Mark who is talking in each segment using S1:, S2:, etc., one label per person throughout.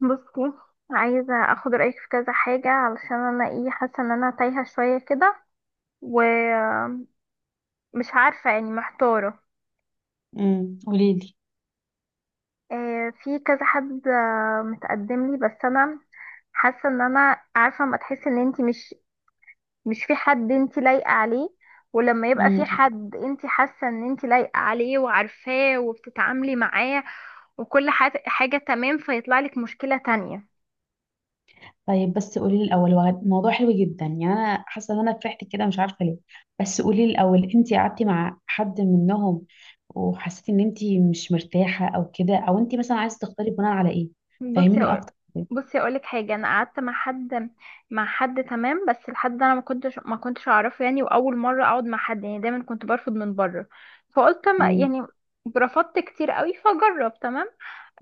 S1: بصي، عايزة اخد رأيك في كذا حاجة علشان انا ايه حاسة ان انا تايهة شوية كده، ومش عارفة، يعني محتارة.
S2: قولي لي.
S1: في كذا حد متقدم لي، بس انا حاسة ان انا عارفة ما تحس ان انتي مش في حد انتي لايقة عليه. ولما يبقى في
S2: امم
S1: حد انتي حاسة ان انتي لايقة عليه وعارفاه وبتتعاملي معاه وكل حاجة تمام، فيطلع لك مشكلة تانية.
S2: طيب، بس قولي لي الاول. موضوع حلو جدا، يعني انا حاسه ان انا فرحت كده، مش عارفه ليه. بس قولي لي الاول، انت قعدتي مع حد منهم وحسيتي ان انت مش مرتاحه او كده، او انت مثلا عايزه تختاري بناء على ايه؟
S1: بصي
S2: فهميني
S1: أقول
S2: اكتر.
S1: بصي اقول لك حاجه، انا قعدت مع حد، مع حد تمام، بس الحد ده انا ما كنتش اعرفه، يعني واول مره اقعد مع حد، يعني دايما كنت برفض من بره، فقلت ما
S2: امم
S1: يعني رفضت كتير قوي فجرب تمام.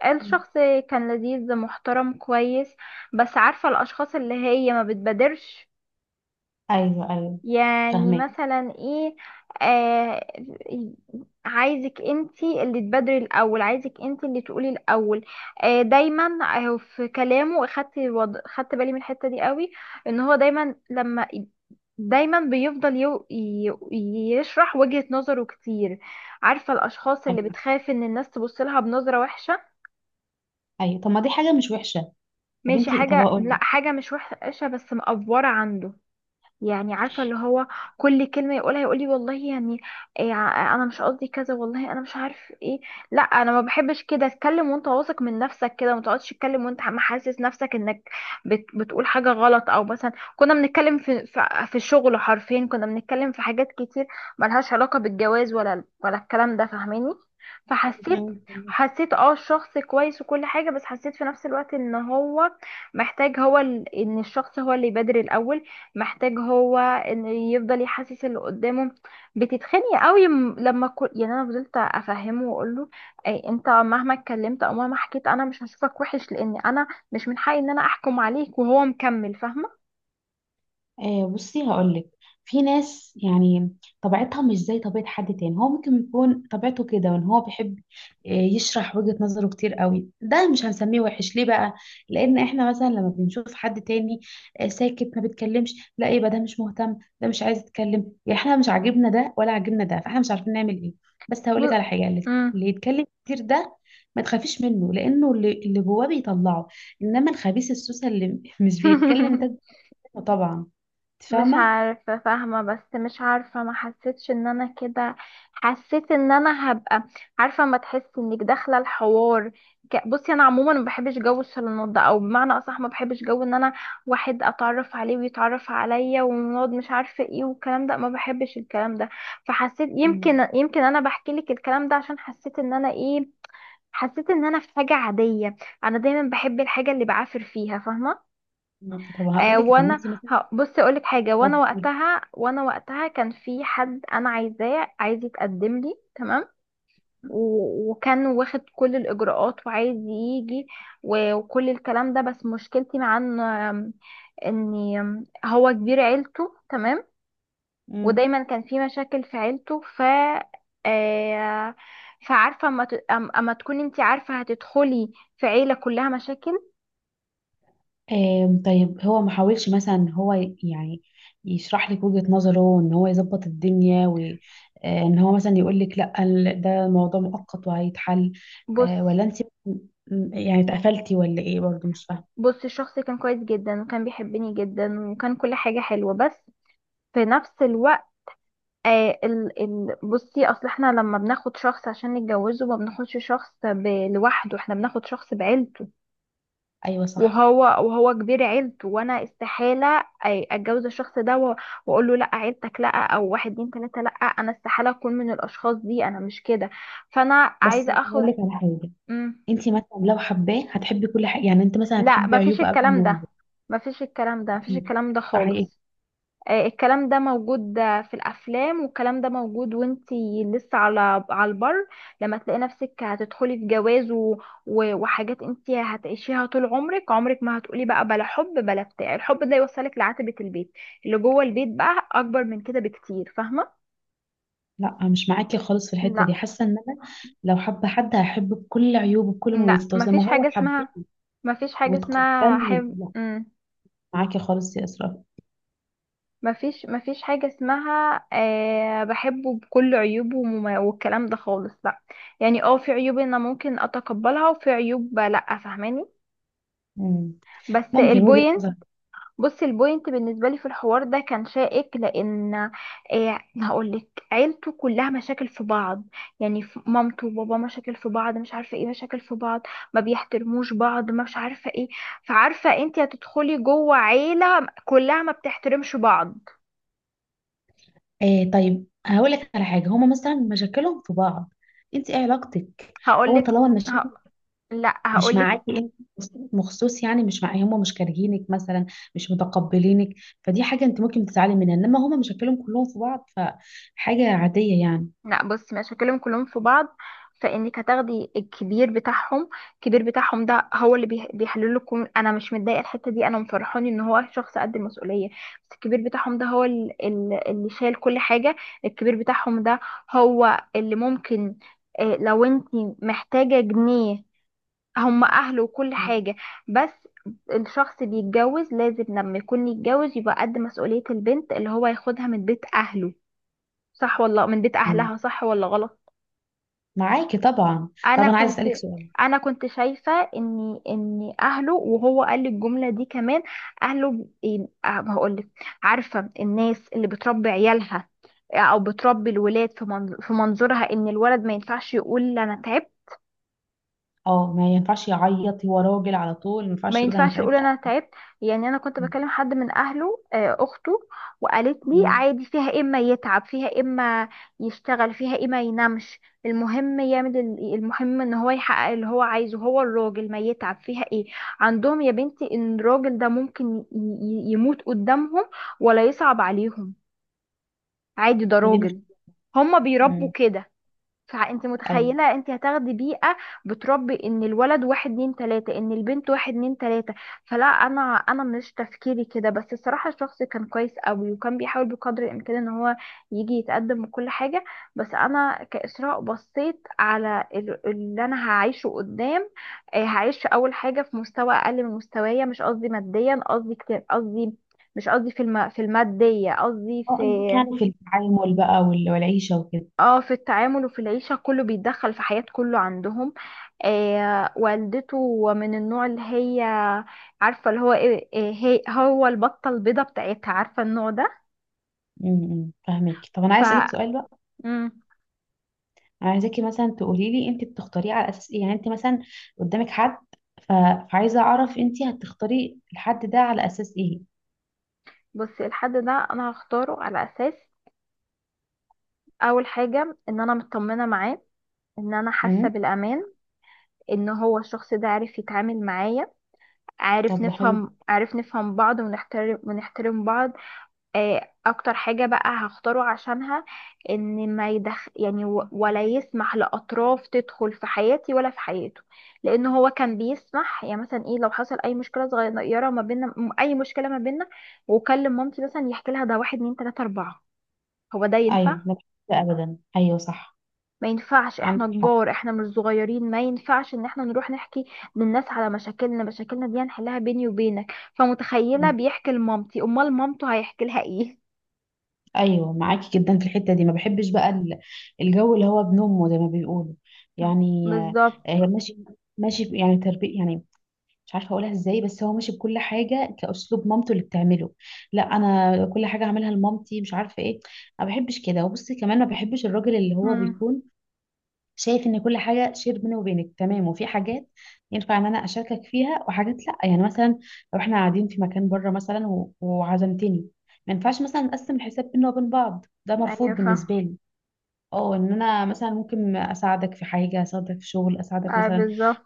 S1: الشخص كان لذيذ محترم كويس، بس عارفه الاشخاص اللي هي ما بتبادرش،
S2: ايوه، ايوه،
S1: يعني
S2: فاهمك.
S1: مثلا ايه، آه عايزك انتي اللي تبادري الاول، عايزك انتي اللي تقولي الاول، آه دايما. في كلامه خدت بالي من الحتة دي قوي، ان هو دايما دايما بيفضل يشرح وجهة نظره كتير. عارفة الاشخاص اللي
S2: ايوه،
S1: بتخاف ان الناس تبص لها بنظرة وحشة.
S2: ايوه، طب ما دي حاجه مش وحشه. طب
S1: ماشي،
S2: انت، طب اقول
S1: حاجة مش وحشة بس مقفورة عنده. يعني عارفه اللي هو كل كلمه يقولها يقول لي والله، يعني إيه، انا مش قصدي كذا والله، انا مش عارف ايه. لا انا ما بحبش كده اتكلم وانت واثق من نفسك، كده ما تقعدش تتكلم وانت عم حاسس نفسك انك بتقول حاجه غلط، او مثلا كنا بنتكلم في الشغل، حرفيا كنا بنتكلم في حاجات كتير ملهاش علاقه بالجواز ولا الكلام ده، فاهماني؟ فحسيت
S2: لك،
S1: حسيت اه الشخص كويس وكل حاجة، بس حسيت في نفس الوقت ان هو محتاج، هو ان الشخص هو اللي يبادر الاول، محتاج هو ان يفضل يحسس اللي قدامه، بتتخني قوي، يعني انا فضلت افهمه واقول له، اي انت مهما اتكلمت او مهما حكيت انا مش هشوفك وحش، لان انا مش من حقي ان انا احكم عليك، وهو مكمل فاهمه.
S2: آه بصي هقولك. في ناس يعني طبيعتها مش زي طبيعة حد تاني، هو ممكن يكون طبيعته كده وان هو بيحب، يشرح وجهة نظره كتير قوي، ده مش هنسميه وحش ليه بقى؟ لان احنا مثلا لما بنشوف حد تاني ساكت ما بيتكلمش، لا يبقى ده مش مهتم، ده مش عايز يتكلم، يعني احنا مش عاجبنا ده ولا عاجبنا ده، فاحنا مش عارفين نعمل ايه. بس
S1: ب...
S2: هقولك على حاجة، اللي
S1: مم.
S2: اللي يتكلم كتير ده ما تخافيش منه، لانه اللي جواه بيطلعه، انما الخبيث السوسه اللي مش بيتكلم ده. طبعا انت
S1: مش
S2: فاهمه.
S1: عارفة، فاهمة بس مش عارفة، ما حسيتش ان انا كده، حسيت ان انا هبقى، عارفة ما تحس انك داخلة الحوار. بصي انا عموما ما بحبش جو الشالونات ده، او بمعنى اصح ما بحبش جو ان انا واحد اتعرف عليه ويتعرف عليا ونقعد مش عارفة ايه والكلام ده، ما بحبش الكلام ده. فحسيت،
S2: مم.
S1: يمكن انا بحكي لك الكلام ده عشان حسيت ان انا ايه، حسيت ان انا في حاجة عادية. انا دايما بحب الحاجة اللي بعافر فيها، فاهمة؟
S2: مم. طب هقول
S1: آه،
S2: لك، طب ما
S1: وانا
S2: انت مثلا،
S1: بصي اقول لك حاجه، وانا
S2: طب قولي.
S1: وقتها وانا وقتها كان في حد انا عايزاه، عايز يتقدم لي تمام، وكان واخد كل الاجراءات وعايز يجي، وكل الكلام ده، بس مشكلتي مع ان آم، ان آم، هو كبير عيلته تمام،
S2: مم.
S1: ودايما كان في مشاكل في عيلته، ف آه، فعارفه، أما تكوني انت عارفه هتدخلي في عيله كلها مشاكل.
S2: طيب هو ما حاولش مثلا ان هو يعني يشرح لك وجهة نظره، ان هو يظبط الدنيا وان هو مثلا يقول لك لا، ده موضوع مؤقت وهيتحل.
S1: بص
S2: آه، ولا انت يعني اتقفلتي ولا ايه؟ برضو مش فاهمه.
S1: بص الشخص كان كويس جدا وكان بيحبني جدا وكان كل حاجة حلوة، بس في نفس الوقت، آه ال ال بصي اصل احنا لما بناخد شخص عشان نتجوزه ما بناخدش شخص لوحده، احنا بناخد شخص بعيلته.
S2: ايوه صح.
S1: وهو كبير عيلته، وانا استحالة اتجوز الشخص ده، واقول له لا عيلتك، لا، او واحد اتنين تلاتة، لا انا استحالة اكون من الاشخاص دي، انا مش كده. فانا
S2: بس
S1: عايزة اخد.
S2: اقول لك على حاجه،
S1: مم.
S2: انت مثلا لو حباه هتحبي كل حاجه، يعني انت مثلا
S1: لا،
S2: هتحبي
S1: مفيش
S2: عيوبه قبل
S1: الكلام
S2: ما
S1: ده،
S2: يبقى.
S1: مفيش الكلام ده، مفيش
S2: اكيد،
S1: الكلام ده
S2: ده حقيقي.
S1: خالص. الكلام ده موجود في الافلام، والكلام ده موجود، وانتي لسه على البر، لما تلاقي نفسك هتدخلي في جواز وحاجات انتي هتعيشيها طول عمرك، عمرك ما هتقولي بقى بلا حب، بلا بتاع، الحب ده يوصلك لعتبة البيت، اللي جوه البيت بقى اكبر من كده بكتير، فاهمة؟
S2: لا، مش معاكي خالص في الحته دي،
S1: لا،
S2: حاسه ان انا لو حابه حد هحبه بكل عيوبه بكل
S1: لا،
S2: مميزاته زي ما هو حبني
S1: مفيش حاجة اسمها
S2: وتقبلني.
S1: حب.
S2: لا معاكي خالص يا اسراء.
S1: مفيش حاجة اسمها، أه بحبه بكل عيوبه والكلام ده خالص، لا. يعني اه في عيوب انا ممكن اتقبلها، وفي عيوب لا، فاهماني؟
S2: مم.
S1: بس
S2: ممكن وجهه
S1: البوينت
S2: نظر.
S1: بص البوينت بالنسبة لي في الحوار ده كان شائك، لان أه هقولك عيلته كلها مشاكل في بعض، يعني مامته وبابا مشاكل في بعض، مش عارفة ايه، مشاكل في بعض، ما بيحترموش بعض، ما مش عارفة ايه. فعارفة انت هتدخلي جوه عيلة كلها ما بتحترمش بعض.
S2: آه طيب هقول لك على حاجه، هما مثلا مشاكلهم في بعض، انت ايه علاقتك؟ هو
S1: هقولك
S2: طالما المشاكل
S1: ه... لا،
S2: مش
S1: هقولك،
S2: معاكي انت مخصوص، يعني مش معايا، هما مش كارهينك مثلا، مش متقبلينك، فدي حاجه انت ممكن تتعلم منها، انما هما مشاكلهم كلهم في بعض فحاجه عاديه يعني.
S1: لا بصي مش هكلم كلهم في بعض، فانك هتاخدي الكبير بتاعهم، الكبير بتاعهم ده هو اللي بيحلله كل، انا مش متضايقه الحته دي، انا مفرحاني ان هو شخص قد المسؤوليه. بس الكبير بتاعهم ده هو اللي شايل كل حاجه. الكبير بتاعهم ده هو اللي ممكن، لو انت محتاجه جنيه، هم اهله وكل حاجة. بس الشخص بيتجوز لازم، لما يكون يتجوز يبقى قد مسؤولية البنت اللي هو ياخدها من بيت اهله، صح ولا من بيت
S2: مم.
S1: اهلها، صح ولا غلط؟
S2: معاكي طبعا.
S1: انا
S2: طب انا عايز
S1: كنت
S2: اسالك سؤال.
S1: انا كنت شايفة ان اهله، وهو قال لي الجملة دي كمان، اهله ب- إيه، آه، هقولك، عارفة الناس اللي بتربي عيالها او بتربي الولاد في في منظورها ان الولد ما ينفعش يقول انا تعبت،
S2: اه ما ينفعش يعيط، هو راجل على طول، ما
S1: ما
S2: ينفعش يقول انا
S1: ينفعش اقول
S2: تعبت.
S1: انا تعبت. يعني انا كنت بكلم حد من اهله، اخته، وقالت لي
S2: مم.
S1: عادي، فيها إيه اما يتعب، فيها إيه اما يشتغل، فيها اما ينامش، المهم يعمل المهم ان هو يحقق اللي هو عايزه، هو الراجل ما يتعب فيها ايه؟ عندهم يا بنتي ان الراجل ده ممكن يموت قدامهم ولا يصعب عليهم، عادي، ده
S2: هي دي مش.
S1: راجل، هما بيربوا
S2: مم.
S1: كده. فانت
S2: ايوه.
S1: متخيله انت هتاخدي بيئه بتربي ان الولد واحد اتنين تلاته، ان البنت واحد اتنين تلاته. فلا، انا مش تفكيري كده. بس الصراحه الشخص كان كويس قوي، وكان بيحاول بقدر الامكان ان هو يجي يتقدم وكل حاجه. بس انا كاسراء بصيت على اللي انا هعيشه قدام، هعيش اول حاجه في مستوى اقل من مستوايا، مش قصدي ماديا، قصدي كتير، قصدي مش قصدي في في الماديه، قصدي
S2: اه
S1: في،
S2: قصدك يعني في التعامل بقى والعيشه وكده.
S1: اه، في التعامل وفي العيشة، كله بيتدخل في حياة، كله عندهم. آه، والدته من النوع اللي هي، عارفة اللي هو هي، هو البطة البيضة بتاعتها، عارفة النوع ده.
S2: مم. فاهمك. طب انا
S1: ف
S2: عايز اسالك سؤال بقى،
S1: مم.
S2: انا عايزاكي مثلا تقولي لي انت بتختاريه على اساس ايه، يعني انت مثلا قدامك حد، ف... فعايزه اعرف انت هتختاري الحد ده على اساس ايه.
S1: بصي الحد ده انا هختاره على اساس، اول حاجة ان انا مطمنة معاه، ان انا حاسة
S2: امم
S1: بالامان، ان هو الشخص ده عارف يتعامل معايا،
S2: طب ده حلو.
S1: عارف نفهم بعض، ونحترم بعض. اكتر حاجة بقى هختاره عشانها، ان ما يدخ يعني و- ولا يسمح لاطراف تدخل في حياتي ولا في حياته، لان هو كان بيسمح، يعني مثلا ايه لو حصل اي مشكلة صغيرة ما بيننا، اي مشكلة ما بيننا، وكلم مامتي مثلا يحكي لها، ده واحد اتنين تلاتة اربعة، هو ده ينفع؟
S2: ايوه، ما بحبش ابدا، ايوه صح.
S1: ما ينفعش، احنا
S2: عندك حق.
S1: كبار، احنا مش صغيرين، ما ينفعش ان احنا نروح نحكي للناس على مشاكلنا، مشاكلنا دي هنحلها بيني وبينك، فمتخيلة بيحكي لمامتي، امال مامته هيحكي لها ايه؟
S2: ايوه معاكي جدا في الحته دي، ما بحبش بقى الجو اللي هو بنومه زي ما بيقولوا يعني. آه،
S1: بالظبط.
S2: ماشي. ماشي يعني تربيه يعني، مش عارفه اقولها ازاي بس هو ماشي بكل حاجه كاسلوب مامته اللي بتعمله، لا انا كل حاجه هعملها لمامتي مش عارفه ايه. ما بحبش كده، وبصي كمان ما بحبش الراجل اللي هو
S1: مم.
S2: بيكون شايف ان كل حاجه شير بيني وبينك، تمام، وفي حاجات ينفع ان انا اشاركك فيها وحاجات لا، يعني مثلا لو احنا قاعدين في مكان بره مثلا وعزمتني، ما ينفعش مثلا نقسم الحساب بينا وبين بعض، ده
S1: ايوه،
S2: مرفوض
S1: فاهم،
S2: بالنسبه لي. اه ان انا مثلا ممكن اساعدك في حاجه، اساعدك في شغل، اساعدك
S1: آه،
S2: مثلا
S1: بالظبط.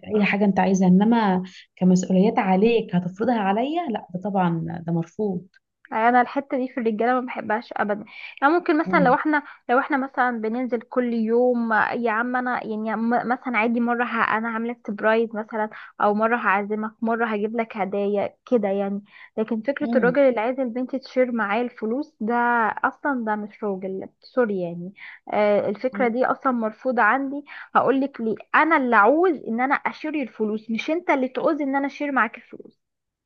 S2: في اي حاجه انت عايزها، انما كمسؤوليات عليك هتفرضها عليا لا، ده طبعا ده مرفوض.
S1: أيوة، انا الحته دي في الرجاله ما بحبهاش ابدا، يعني ممكن مثلا
S2: امم
S1: لو احنا مثلا بننزل كل يوم، يا عم انا يعني، مثلا عادي مره، انا عامله سبرايز مثلا، او مره هعزمك، مره هجيب لك هدايا كده يعني. لكن فكره الراجل
S2: امم
S1: اللي عايز البنت تشير معاه الفلوس ده، اصلا ده مش راجل، سوري يعني. آه، الفكره
S2: عندك
S1: دي اصلا مرفوضه عندي، هقول لك ليه، انا اللي عاوز ان انا اشير الفلوس، مش انت اللي تعوز ان انا اشير معاك الفلوس.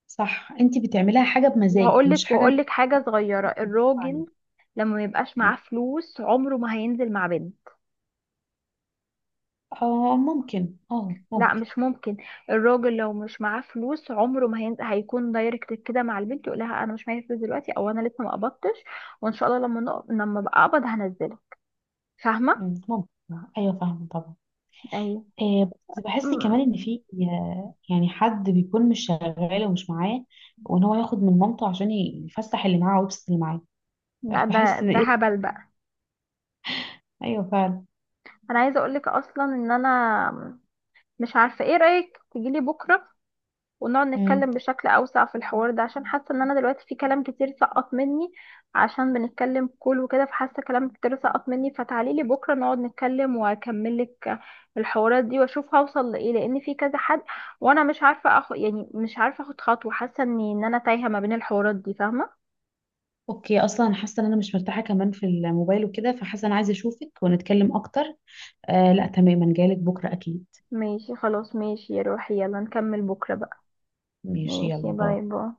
S2: صح، انت بتعملها حاجه بمزاج مش حاجه
S1: وهقول
S2: انت
S1: لك حاجة صغيرة،
S2: مغصوبة
S1: الراجل
S2: عليها.
S1: لما ما يبقاش معاه فلوس عمره ما هينزل مع بنت.
S2: آه ممكن، اه
S1: لا،
S2: ممكن.
S1: مش ممكن. الراجل لو مش معاه فلوس عمره ما هينزل، هيكون دايركت كده مع البنت، يقول لها انا مش معايا فلوس دلوقتي، او انا لسه ما قبضتش، وان شاء الله لما لما ابقى اقبض هنزله، فاهمة؟
S2: مم، ممكن، ايوه فاهمة طبعا.
S1: ايوه.
S2: آه بس بحس كمان
S1: أمم.
S2: ان في، آه، يعني حد بيكون مش شغال ومش معاه وان هو ياخد من مامته عشان يفسح اللي معاه ويبسط اللي معاه.
S1: لا،
S2: بحس ان
S1: ده
S2: ايه.
S1: هبل بقى.
S2: ايوه فعلا.
S1: انا عايزة اقول لك اصلا ان انا مش عارفة، ايه رأيك تجيلي بكرة ونقعد
S2: مم.
S1: نتكلم بشكل أوسع في الحوار ده، عشان حاسة إن أنا دلوقتي في كلام كتير سقط مني، عشان بنتكلم كل وكده فحاسة كلام كتير سقط مني، فتعاليلي بكرة نقعد نتكلم وأكملك الحوارات دي، وأشوف هوصل لإيه، لأن في كذا حد، وأنا مش عارفة أخد، يعني مش عارفة أخد خطوة، حاسة إن أنا تايهة ما بين الحوارات دي، فاهمة؟
S2: اوكي، اصلا حاسه ان انا مش مرتاحه كمان في الموبايل وكده، فحاسه انا عايزه اشوفك ونتكلم اكتر. آه لا تماما، جايلك بكره اكيد.
S1: ماشي خلاص، ماشي يا روحي، يلا نكمل بكرة بقى.
S2: ماشي
S1: ماشي،
S2: يلا باي.
S1: باي باي.